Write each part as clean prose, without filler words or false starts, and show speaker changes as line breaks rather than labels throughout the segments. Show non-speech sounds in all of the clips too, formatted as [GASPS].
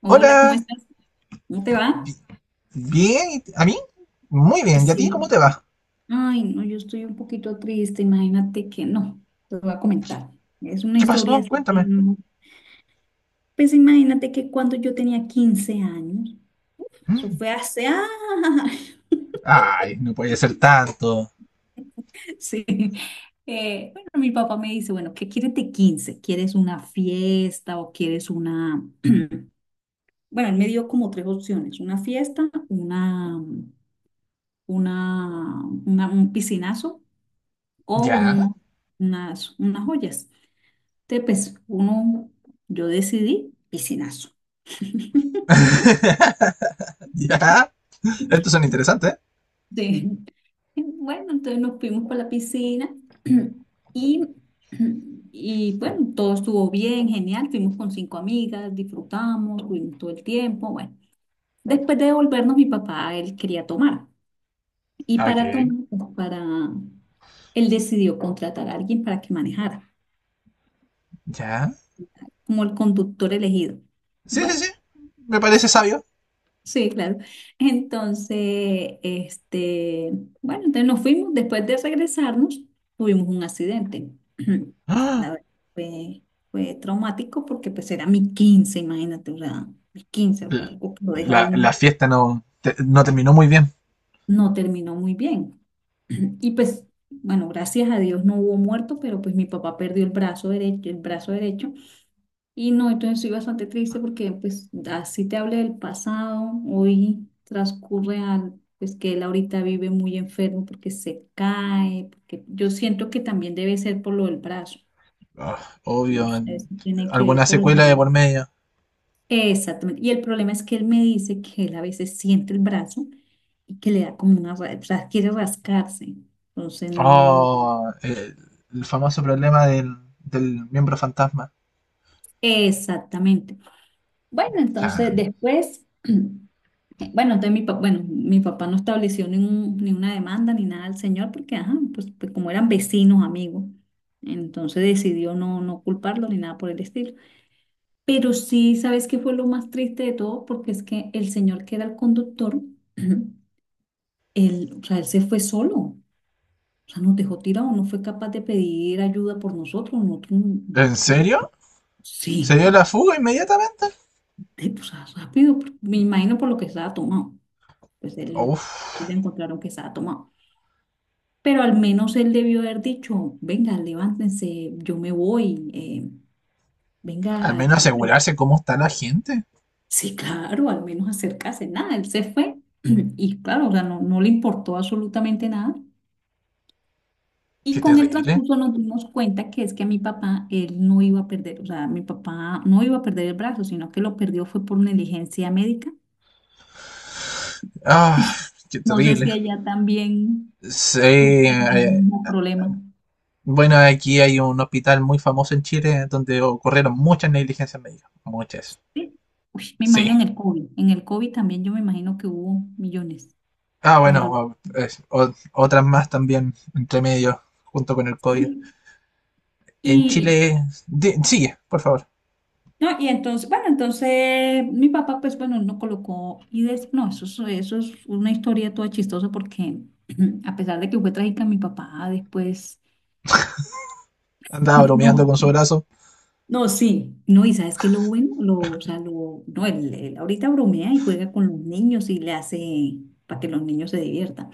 Hola, ¿cómo
Hola,
estás? ¿Cómo te va?
bi- bien, ¿y ¿a mí? Muy bien, ¿y a ti cómo
Sí.
te va?
Ay, no, yo estoy un poquito triste, imagínate que no, te voy a
¿Qué,
comentar. Es una
qué
historia
pasó?
así que
Cuéntame.
no. Pues imagínate que cuando yo tenía 15 años, eso
Mm.
fue hace... ¡Ah! [LAUGHS]
Ay, no puede ser tanto.
Sí. Bueno, mi papá me dice, bueno, ¿qué quieres de 15? ¿Quieres una fiesta o quieres una... [CLEARS THROAT] Bueno, él me dio como tres opciones, una fiesta, un piscinazo o
¿Ya?
uno, unas joyas. Entonces, pues uno, yo decidí piscinazo.
[LAUGHS] ¿Ya? Estos son interesantes.
Sí. [LAUGHS] Bueno, entonces nos fuimos para la piscina [CLEARS THROAT] y, y bueno, todo estuvo bien, genial. Fuimos con cinco amigas, disfrutamos, tuvimos todo el tiempo. Bueno, después de devolvernos, mi papá, él quería tomar. Y para
Ok.
tomar, pues, para, él decidió contratar a alguien para que manejara,
¿Ya?
como el conductor elegido.
Sí, sí,
Bueno.
sí, me parece
[LAUGHS]
sabio.
Sí, claro. Entonces, bueno, entonces nos fuimos, después de regresarnos, tuvimos un accidente. [CLEARS THROAT]
[GASPS]
Pues,
Ah,
la verdad, fue, fue traumático porque pues era mi quince, imagínate, o sea, mi quince, o sea,
l-
algo que lo deja
la
uno,
fiesta no, no terminó muy bien.
no terminó muy bien. [CLEARS THROAT] Y pues, bueno, gracias a Dios no hubo muerto, pero pues mi papá perdió el brazo derecho, el brazo derecho. Y no, entonces estoy bastante triste porque pues así te hablé del pasado, hoy transcurre al, pues que él ahorita vive muy enfermo porque se cae, porque yo siento que también debe ser por lo del brazo,
Ah,
no
obvio,
sé si tiene que ver
alguna
por el...
secuela de por medio.
Exactamente, y el problema es que él me dice que él a veces siente el brazo y que le da como una, ra- o sea, quiere rascarse, entonces no,
Oh, el famoso problema del miembro fantasma.
exactamente. Bueno, entonces
Ya.
después... [CLEARS THROAT] bueno, entonces bueno, mi papá no estableció ni, un- ni una demanda ni nada al señor porque, ajá, pues, como eran vecinos, amigos, entonces decidió no, no culparlo ni nada por el estilo. Pero sí, ¿sabes qué fue lo más triste de todo? Porque es que el señor que era el conductor, [CLEARS THROAT] él, o sea, él se fue solo, o sea, nos dejó tirados, no fue capaz de pedir ayuda por nosotros,
¿En
porque, pues,
serio? ¿Se
sí,
dio la fuga inmediatamente?
de- o sea, rápido, me imagino por lo que estaba tomado, pues él,
Uf,
él encontraron que estaba tomado. Pero al menos él debió haber dicho, venga, levántense, yo me voy,
al
venga,
menos
ayúdenme.
asegurarse cómo está la gente.
Sí, claro, al menos acercarse, nada, él se fue [CLEARS THROAT] y claro, o sea, no, no le importó absolutamente nada.
Qué
Y con el
terrible.
transcurso nos dimos cuenta que es que a mi papá, él no iba a perder, o sea, mi papá no iba a perder el brazo, sino que lo perdió fue por negligencia médica.
Ah, qué
No sé
terrible.
si allá también
Sí,
sufren el mismo problema.
bueno, aquí hay un hospital muy famoso en Chile donde ocurrieron muchas negligencias médicas. Muchas.
Sí. Uy, me imagino
Sí.
en el COVID también yo me imagino que hubo millones.
Ah, bueno,
Cuando
o- es- o- otras más también entre medio, junto con el COVID.
sí.
En
Y,
Chile. Sigue, por favor.
no, y entonces, bueno, entonces mi papá, pues bueno, no colocó y des- no, eso es una historia toda chistosa porque [CLEARS THROAT] a pesar de que fue trágica, mi papá después,
Andaba
[LAUGHS]
bromeando
no,
con su brazo.
no, sí, no, y sabes que lo bueno, lo, o sea, lo, no, él ahorita bromea y juega con los niños y le hace para que los niños se diviertan.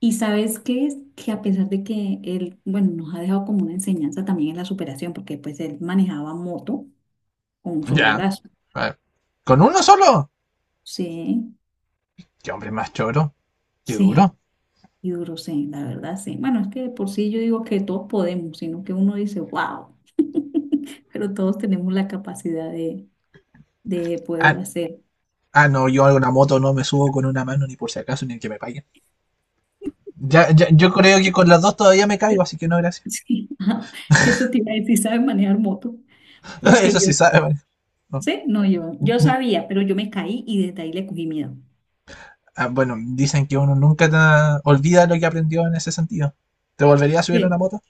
Y sabes qué es que a pesar de que él, bueno, nos ha dejado como una enseñanza también en la superación, porque pues él manejaba moto con un solo
Ya.
brazo.
A ver. ¿Con uno solo?
Sí,
Qué hombre más choro. Qué duro.
sí, yo creo sí, la verdad sí. Bueno, es que de por sí yo digo que todos podemos, sino que uno dice, wow, pero todos tenemos la capacidad de
Ah,
poderlo hacer.
ah, no, yo a una moto no me subo con una mano ni por si acaso, ni que me paguen. Ya, yo creo que con las dos todavía me caigo, así que no, gracias.
Sí, [LAUGHS] ajá, eso te iba a decir, ¿sabes manejar moto?
[LAUGHS]
Porque
Eso
yo,
sí sabe, man. No.
sí, no, yo sabía, pero yo me caí y desde ahí le cogí miedo.
Ah, bueno, dicen que uno nunca olvida lo que aprendió en ese sentido. ¿Te volverías a subir a una
Sí.
moto?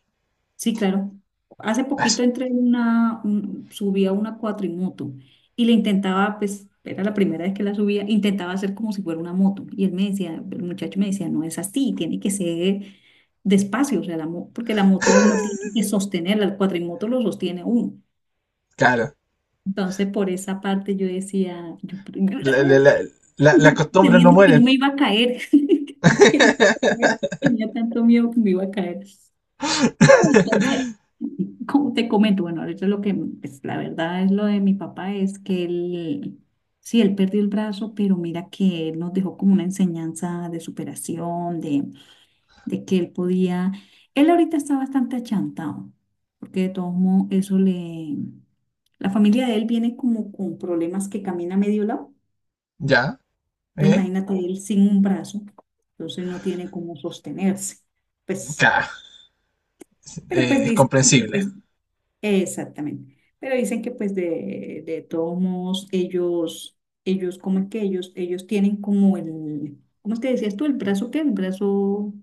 Sí, claro. Hace
Eso,
poquito entré en una, un- subí a una cuatrimoto y le intentaba, pues, era la primera vez que la subía, intentaba hacer como si fuera una moto. Y él me decía, el muchacho me decía, no es así, tiene que ser despacio, o sea, la, mo- porque la moto uno tiene que sostenerla, el cuatrimoto lo sostiene uno.
claro.
Entonces, por esa parte yo decía, yo,
La- la- la- las
[LAUGHS]
costumbres no
teniendo que no
mueren.
me iba a caer, [LAUGHS] que no me iba a caer, tenía tanto miedo que me iba a caer. No, entonces,
[LAUGHS]
como te comento, bueno, ahorita lo que, pues la verdad es lo de mi papá es que él, sí, él perdió el brazo, pero mira que él nos dejó como una enseñanza de superación, de que él podía, él ahorita está bastante achantado, porque de todos modos eso le, la familia de él viene como con problemas que camina a medio lado,
Ya,
entonces
¿eh?
imagínate él sin un brazo, entonces no tiene cómo sostenerse, pues,
Claro,
pero pues
es
dice que
comprensible.
supuestamente exactamente. Pero dicen que pues de todos modos ellos, cómo es que ellos, tienen como el, ¿cómo te decías tú? El brazo qué, el brazo,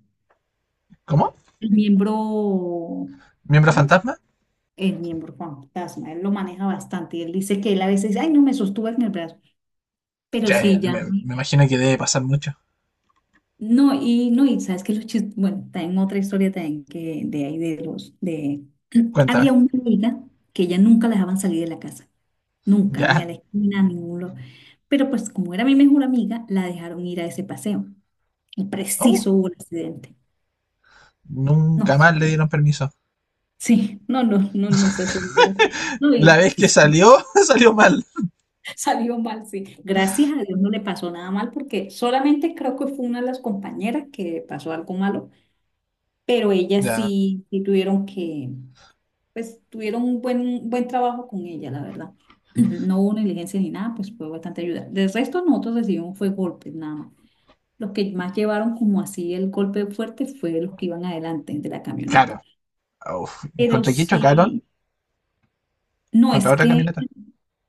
¿Cómo?
el miembro,
¿Miembro
¿cómo es?
fantasma?
El miembro fantasma, él lo maneja bastante y él dice que él a veces, ay, no me sostuve en el brazo, pero
Ya, ya,
sí ya,
me imagino que debe pasar mucho.
no, y no, y sabes que los chistes, bueno, también otra historia también que de ahí de los, de, [CLEARS THROAT]
Cuéntame.
había una amiga que ella nunca la dejaban salir de la casa. Nunca, ni a
Ya.
la esquina, a ningún lo- Pero pues como era mi mejor amiga, la dejaron ir a ese paseo. Y
Oh,
preciso hubo un accidente. No,
nunca
eso
más le
fue.
dieron permiso.
Sí, no, no, no, no, esa señora. No,
La
y
vez
pues,
que
[LAUGHS] sí,
salió, [LAUGHS] salió mal.
salió mal, sí. Gracias a Dios no le pasó nada mal porque solamente creo que fue una de las compañeras que pasó algo malo, pero ellas
Ya,
sí, sí tuvieron que, pues tuvieron un buen trabajo con ella, la verdad. [CLEARS THROAT] No hubo negligencia ni nada, pues fue bastante ayuda. Del resto nosotros recibimos fue golpes nada más. Los que más llevaron como así el golpe fuerte fue los que iban adelante de la camioneta.
caro. Uf, ¿y
Pero
contra quién chocaron?
sí, no
Contra
es
otra
que,
camioneta.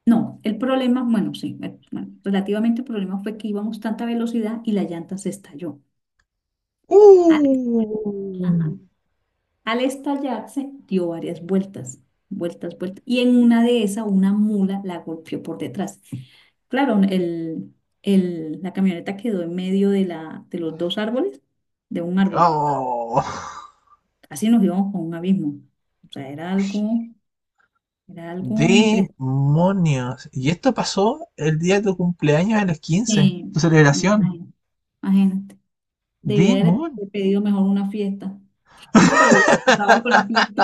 no, el problema, bueno, sí, bueno, relativamente el problema fue que íbamos tanta velocidad y la llanta se estalló. Al,
¡Uh!
ajá, al estallarse dio varias vueltas, vueltas, vueltas. Y en una de esas una mula la golpeó por detrás. Claro, el- la camioneta quedó en medio de, la, de los dos árboles, de un árbol.
¡Oh!
Casi nos íbamos con un abismo. O sea, era algo
¡Demonios! Y esto pasó el día de tu cumpleaños a los 15, tu
impresionante.
celebración.
Imagínate. Debía haber
¡Demon!
pedido mejor una fiesta. No, pero hubiese pasado algo en la fiesta.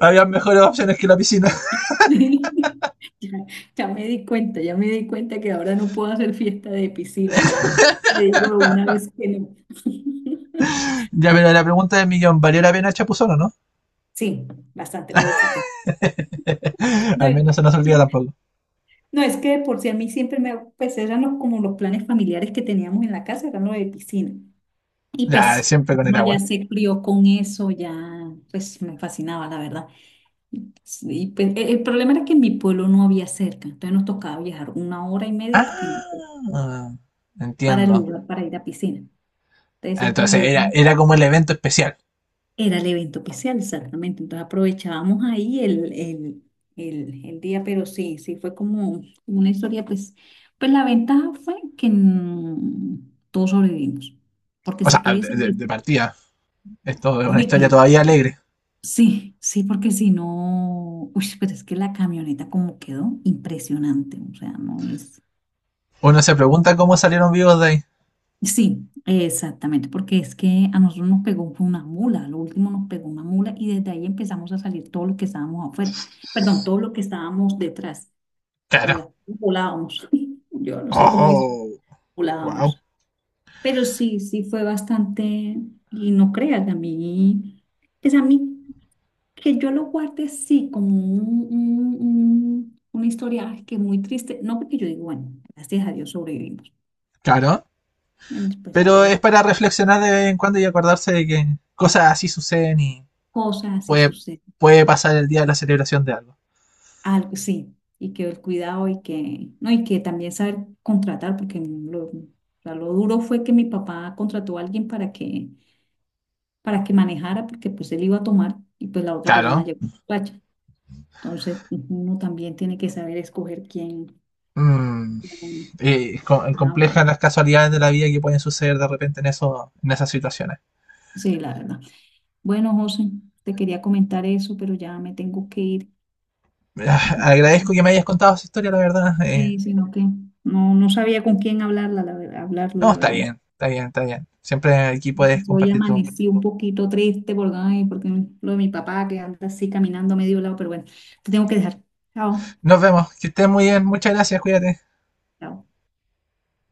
Había mejores opciones que la piscina.
[LAUGHS] Ya, ya me di cuenta, ya me di cuenta que ahora no puedo hacer fiesta de piscina, ya le digo una vez que no. [LAUGHS]
[LAUGHS] Ya, pero la pregunta del millón, ¿valió la pena Chapuzón o no?
Sí, bastante lo disfruté.
[LAUGHS]
No,
Al
y-
menos se nos olvida tampoco.
no, es que de por si a mí siempre me, pues eran los, como los planes familiares que teníamos en la casa, eran los de piscina. Y
Ya,
pues
siempre con el
uno ya
agua.
se crió con eso, ya pues me fascinaba, la verdad. Y pues, e- el problema era que en mi pueblo no había cerca, entonces nos tocaba viajar una hora y media porque,
¡Ah!
para el
Entiendo.
lugar, para ir a piscina. Entonces siempre nos
Entonces
íbamos,
era como el evento especial.
era el evento especial, exactamente. Entonces aprovechábamos ahí el día, pero sí, sí fue como una historia, pues, pues la ventaja fue que todos sobrevivimos, porque
O
si
sea, de,
tuviesen
de- de
visto,
partida. Esto es una historia todavía alegre.
sí, sí, porque si no, uy, pero es que la camioneta como quedó impresionante, o sea, no es...
Uno se pregunta cómo salieron vivos de ahí.
Sí, exactamente, porque es que a nosotros nos pegó fue una mula, lo último nos pegó una mula y desde ahí empezamos a salir todo lo que estábamos afuera, perdón, todo lo que estábamos detrás, o sea,
Claro.
la- volábamos, [LAUGHS] yo no sé cómo dice,
Oh, wow.
volábamos, pero sí, sí fue bastante, y no creas, a mí, pues a mí. Que yo lo guarde sí como un- una historia ay, que muy triste, no porque yo digo, bueno, gracias a Dios sobrevivimos.
Claro.
Entonces, pues
Pero es
hay
para reflexionar de vez en cuando y acordarse de que cosas así suceden y
cosas y
puede,
sucede
puede pasar el día de la celebración de algo.
algo, sí, y que el cuidado y que, no, y que también saber contratar, porque lo, o sea, lo duro fue que mi papá contrató a alguien para que manejara, porque pues él iba a tomar y pues la otra persona
Claro.
llegó borracha. Entonces, uno también tiene que saber escoger quién,
Mm,
quién.
y
Ah,
complejas
bueno,
las casualidades de la vida que pueden suceder de repente en, eso, en esas situaciones.
sí, la verdad. Bueno, José, te quería comentar eso, pero ya me tengo que ir.
Ah, agradezco que me hayas contado esa historia, la verdad.
Sí, sino que no, no sabía con quién hablarla, la verdad, hablarlo,
No,
la
está
verdad.
bien, está bien, está bien. Siempre aquí puedes
Hoy
compartir todo.
amanecí un poquito triste porque, ay, porque lo de mi papá que anda así caminando a medio lado, pero bueno, te tengo que dejar. Chao.
Nos vemos, que estés muy bien. Muchas gracias, cuídate.
Chao.